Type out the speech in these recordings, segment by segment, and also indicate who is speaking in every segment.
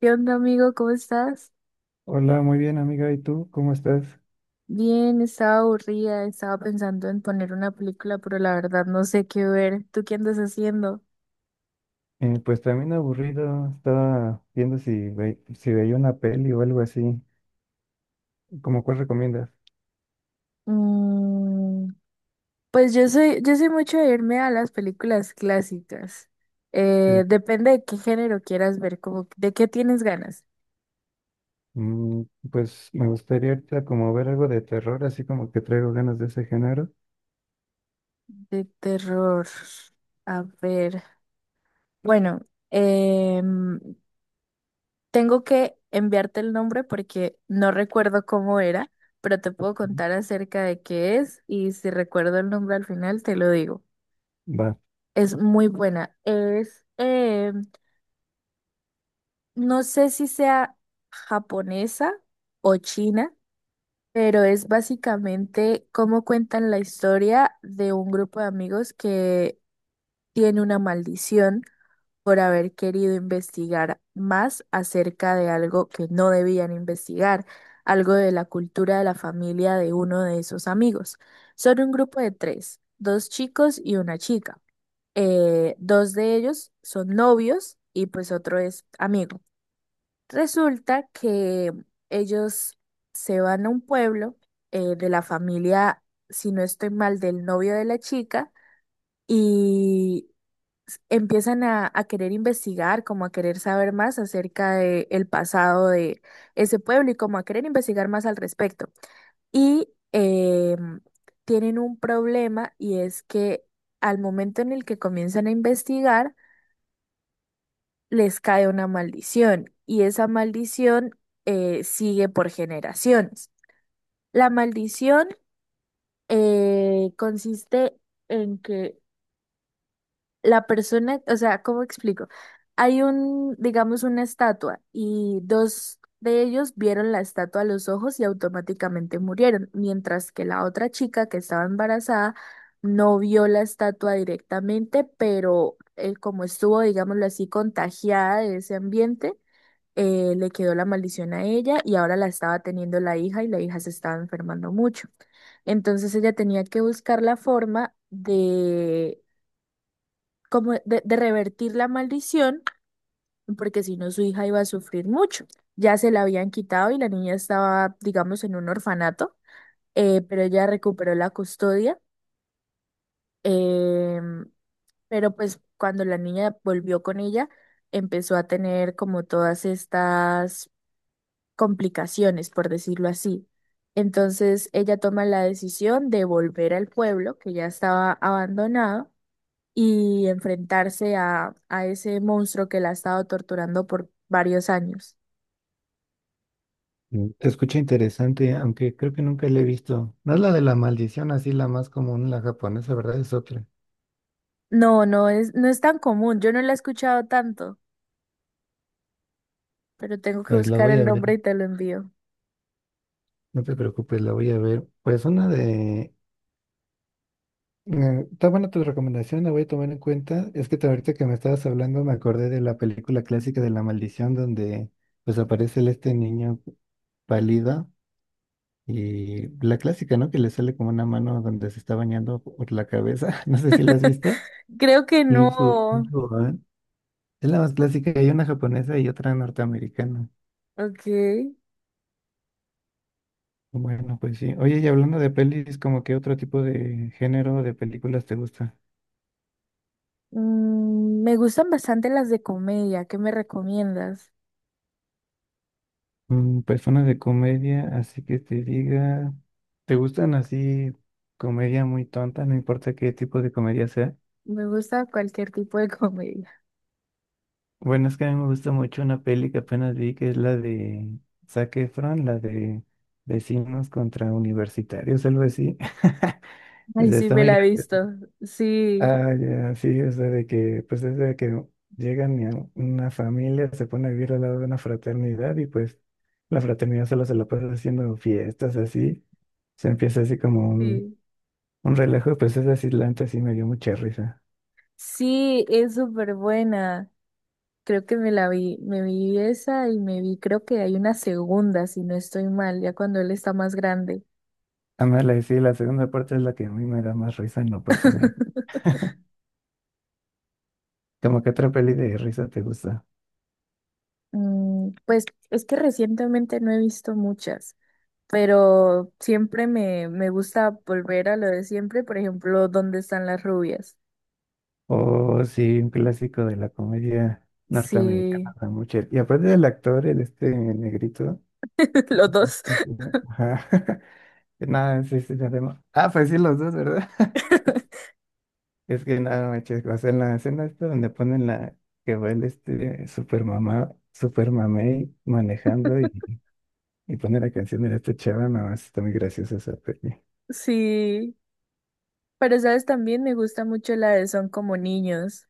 Speaker 1: ¿Qué onda, amigo? ¿Cómo estás?
Speaker 2: Hola, muy bien amiga, ¿y tú cómo estás?
Speaker 1: Bien, estaba aburrida, estaba pensando en poner una película, pero la verdad no sé qué ver. ¿Tú qué andas haciendo?
Speaker 2: Pues también aburrido, estaba viendo si veía una peli o algo así, ¿cómo cuál recomiendas?
Speaker 1: Mm, pues yo soy mucho de irme a las películas clásicas.
Speaker 2: Sí.
Speaker 1: Depende de qué género quieras ver, como de qué tienes ganas.
Speaker 2: Mm, pues me gustaría ahorita como ver algo de terror, así como que traigo ganas de ese género.
Speaker 1: De terror. A ver. Bueno, em, tengo que enviarte el nombre porque no recuerdo cómo era, pero te
Speaker 2: Ujú.
Speaker 1: puedo contar acerca de qué es y si recuerdo el nombre al final te lo digo.
Speaker 2: Va,
Speaker 1: Es muy buena. No sé si sea japonesa o china, pero es básicamente cómo cuentan la historia de un grupo de amigos que tiene una maldición por haber querido investigar más acerca de algo que no debían investigar, algo de la cultura de la familia de uno de esos amigos. Son un grupo de tres, dos chicos y una chica. Dos de ellos son novios y pues otro es amigo. Resulta que ellos se van a un pueblo de la familia, si no estoy mal, del novio de la chica y empiezan a querer investigar, como a querer saber más acerca de el pasado de ese pueblo y como a querer investigar más al respecto. Y eh, Tienen un problema y es que al momento en el que comienzan a investigar, les cae una maldición y esa maldición sigue por generaciones. La maldición consiste en que la persona, o sea, ¿cómo explico? Hay un, digamos, una estatua y dos de ellos vieron la estatua a los ojos y automáticamente murieron, mientras que la otra chica que estaba embarazada no vio la estatua directamente, pero como estuvo, digámoslo así, contagiada de ese ambiente, le quedó la maldición a ella y ahora la estaba teniendo la hija y la hija se estaba enfermando mucho. Entonces ella tenía que buscar la forma de como de revertir la maldición, porque si no su hija iba a sufrir mucho. Ya se la habían quitado y la niña estaba, digamos, en un orfanato, pero ella recuperó la custodia. em, pero pues cuando la niña volvió con ella, empezó a tener como todas estas complicaciones, por decirlo así. Entonces ella toma la decisión de volver al pueblo que ya estaba abandonado y enfrentarse a ese monstruo que la ha estado torturando por varios años.
Speaker 2: te escucha interesante, aunque creo que nunca la he visto. No es la de la maldición, así la más común, la japonesa, ¿verdad? Es otra.
Speaker 1: No, no es tan común, yo no la he escuchado tanto, pero tengo que
Speaker 2: Pues la
Speaker 1: buscar
Speaker 2: voy
Speaker 1: el
Speaker 2: a ver,
Speaker 1: nombre y te lo envío.
Speaker 2: no te preocupes, la voy a ver. Pues una de Está buena tu recomendación, la voy a tomar en cuenta. Es que ahorita que me estabas hablando me acordé de la película clásica de La Maldición donde pues aparece este niño pálido y la clásica, ¿no? Que le sale como una mano donde se está bañando por la cabeza. No sé si la has visto.
Speaker 1: Creo que
Speaker 2: Kung
Speaker 1: no.
Speaker 2: Fu Panda. Es la más clásica, hay una japonesa y otra norteamericana.
Speaker 1: Ok.
Speaker 2: Bueno, pues sí. Oye, y hablando de pelis, ¿como qué otro tipo de género de películas te gusta?
Speaker 1: Me gustan bastante las de comedia, ¿qué me recomiendas?
Speaker 2: Personas de comedia, así que te diga, ¿te gustan así comedia muy tonta? No importa qué tipo de comedia sea.
Speaker 1: Me gusta cualquier tipo de comedia.
Speaker 2: Bueno, es que a mí me gusta mucho una peli que apenas vi, que es la de Zac Efron, la de Vecinos contra Universitarios, algo así. O
Speaker 1: Ay,
Speaker 2: sea,
Speaker 1: sí,
Speaker 2: está
Speaker 1: me
Speaker 2: muy
Speaker 1: la
Speaker 2: gra-.
Speaker 1: he visto. Sí,
Speaker 2: Ah, ya, sí, o sea, de que, pues es de que llegan y a una familia, se pone a vivir al lado de una fraternidad y pues la fraternidad solo se la pasa haciendo fiestas así. Se empieza así como un.
Speaker 1: sí.
Speaker 2: Un relajo de princesas islantes sí me dio mucha risa.
Speaker 1: Sí, es súper buena. Creo que me la vi, me vi esa y me vi, creo que hay una segunda, si no estoy mal, ya cuando él está más grande.
Speaker 2: Además, la, sí, la segunda parte es la que a mí me da más risa en lo personal. ¿Como que otra peli de risa te gusta?
Speaker 1: Pues es que recientemente no he visto muchas, pero siempre me gusta volver a lo de siempre, por ejemplo, ¿Dónde están las rubias?
Speaker 2: O sí, un clásico de la comedia norteamericana,
Speaker 1: Sí,
Speaker 2: da mucha-. Y aparte del actor, el negrito.
Speaker 1: los dos.
Speaker 2: Ajá. Nada, sí, sí, ya vemos. Ah, pues sí, los dos, ¿verdad? Es que nada, manches, o sea, en la escena esta donde ponen la que va el super mamá, super mamey manejando y pone la canción de esta chava, no, está muy graciosa esa peli.
Speaker 1: Sí, pero sabes, también me gusta mucho la de Son como niños,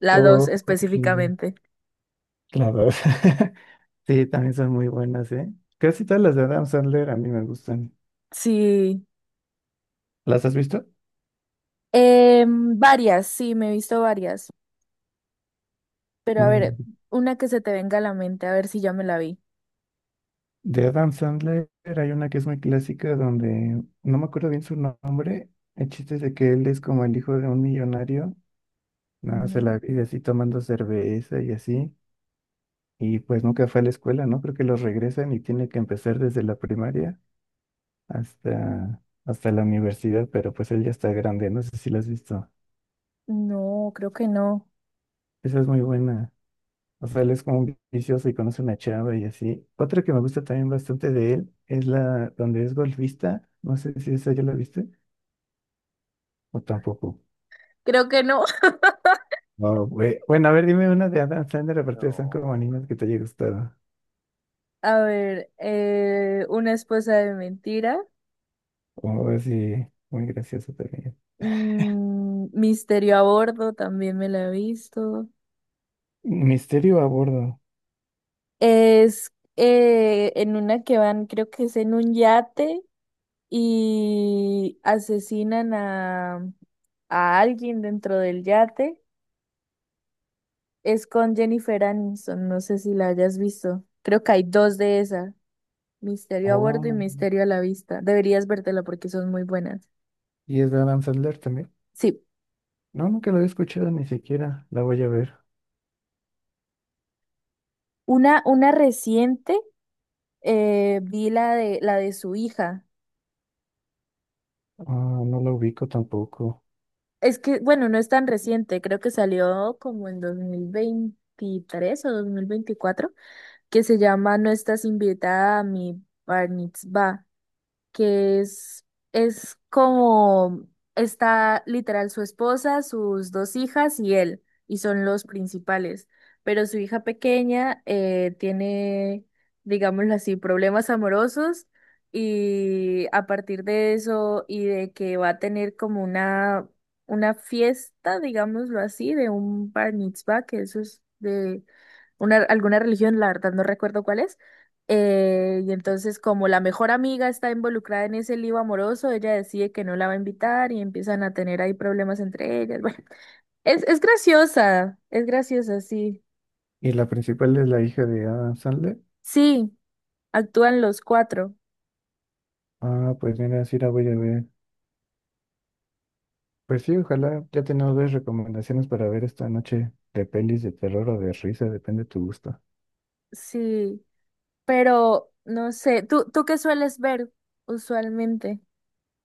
Speaker 1: la dos
Speaker 2: Oh, sí,
Speaker 1: específicamente.
Speaker 2: la. Sí, también son muy buenas, ¿eh? Casi todas las de Adam Sandler a mí me gustan.
Speaker 1: Sí,
Speaker 2: ¿Las has visto?
Speaker 1: Varias, sí, me he visto varias. Pero a ver,
Speaker 2: Mm,
Speaker 1: una que se te venga a la mente, a ver si ya me la vi.
Speaker 2: De Adam Sandler hay una que es muy clásica donde no me acuerdo bien su nombre. El chiste es de que él es como el hijo de un millonario, no, se
Speaker 1: Ujú.
Speaker 2: la vive así tomando cerveza y así. Y pues nunca fue a la escuela, ¿no? Creo que los regresan y tiene que empezar desde la primaria. Hasta la universidad, pero pues él ya está grande, no sé si lo has visto.
Speaker 1: No, creo que no.
Speaker 2: Esa es muy buena. O sea, él es como un vicioso y conoce una chava y así. Otra que me gusta también bastante de él es la donde es golfista. No sé si esa ya la viste o tampoco.
Speaker 1: Creo que no.
Speaker 2: No, güey. Bueno, a ver, dime una de Adam Sandler, aparte de San Animas que te haya gustado.
Speaker 1: A ver, una esposa de mentira.
Speaker 2: Como así, muy gracioso también.
Speaker 1: Misterio a bordo, también me la he visto.
Speaker 2: Misterio a bordo.
Speaker 1: Es en una que van, creo que es en un yate y asesinan a alguien dentro del yate. Es con Jennifer Aniston, no sé si la hayas visto. Creo que hay dos de esas. Misterio a
Speaker 2: Oh,
Speaker 1: bordo y
Speaker 2: man.
Speaker 1: misterio a la vista. Deberías vértela porque son muy buenas.
Speaker 2: Y es de Adam Sandler también.
Speaker 1: Sí,
Speaker 2: No, nunca lo había escuchado ni siquiera. La voy a ver.
Speaker 1: una reciente, vi la de su hija.
Speaker 2: Ah, no la ubico tampoco.
Speaker 1: Es que, bueno, no es tan reciente, creo que salió como en 2023 o 2024, que se llama No estás invitada a mi Bar Mitzvah. Que es como está literal su esposa, sus dos hijas y él, y son los principales. Pero su hija pequeña tiene, digámoslo así, problemas amorosos y a partir de eso y de que va a tener como una, fiesta, digámoslo así, de un bar mitzvah, que eso es de una, alguna religión, la verdad no recuerdo cuál es y entonces, como la mejor amiga está involucrada en ese lío amoroso, ella decide que no la va a invitar y empiezan a tener ahí problemas entre ellas. Bueno, es graciosa, es graciosa, sí.
Speaker 2: ¿Y la principal es la hija de Adam Sandler?
Speaker 1: Sí, actúan los cuatro,
Speaker 2: Ah, pues mira, sí la voy a ver. Pues sí, ojalá ya tenemos dos recomendaciones para ver esta noche de pelis de terror o de risa, depende de tu gusto.
Speaker 1: sí. Pero, no sé, ¿tú qué sueles ver usualmente?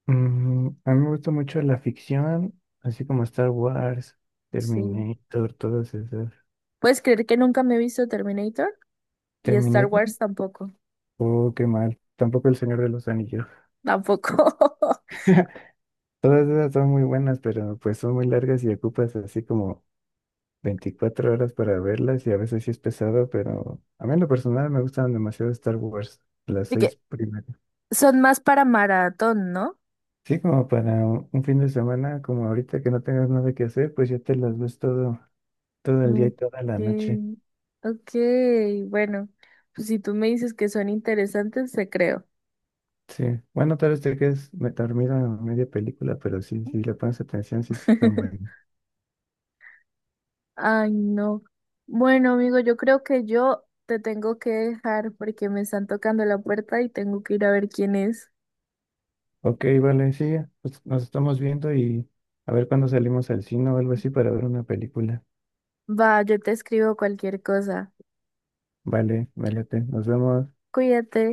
Speaker 2: Mm, a mí me gusta mucho la ficción, así como Star Wars,
Speaker 1: Sí.
Speaker 2: Terminator, todas esas.
Speaker 1: ¿Puedes creer que nunca me he visto Terminator? Y Star
Speaker 2: ¿Terminator?
Speaker 1: Wars tampoco,
Speaker 2: Oh, qué mal. Tampoco El Señor de los Anillos.
Speaker 1: tampoco.
Speaker 2: Todas esas son muy buenas, pero pues son muy largas y ocupas así como 24 horas para verlas y a veces sí es pesado, pero a mí en lo personal me gustan demasiado Star Wars, las
Speaker 1: ¿Y
Speaker 2: seis
Speaker 1: que
Speaker 2: primeras.
Speaker 1: son más para maratón, no?
Speaker 2: Sí, como para un fin de semana, como ahorita que no tengas nada que hacer, pues ya te las ves todo, todo el día y toda la noche.
Speaker 1: Okay. Okay, bueno, pues si tú me dices que son interesantes, te creo.
Speaker 2: Sí, bueno, tal vez te quedes dormido en media película, pero sí, si le pones atención, sí están buenas.
Speaker 1: Ay, no. Bueno, amigo, yo creo que yo te tengo que dejar porque me están tocando la puerta y tengo que ir a ver quién es.
Speaker 2: Ok, vale, sí, pues nos estamos viendo y a ver cuándo salimos al cine o algo así para ver una película.
Speaker 1: Va, yo te escribo cualquier cosa.
Speaker 2: Vale, me late, nos vemos.
Speaker 1: Cuídate.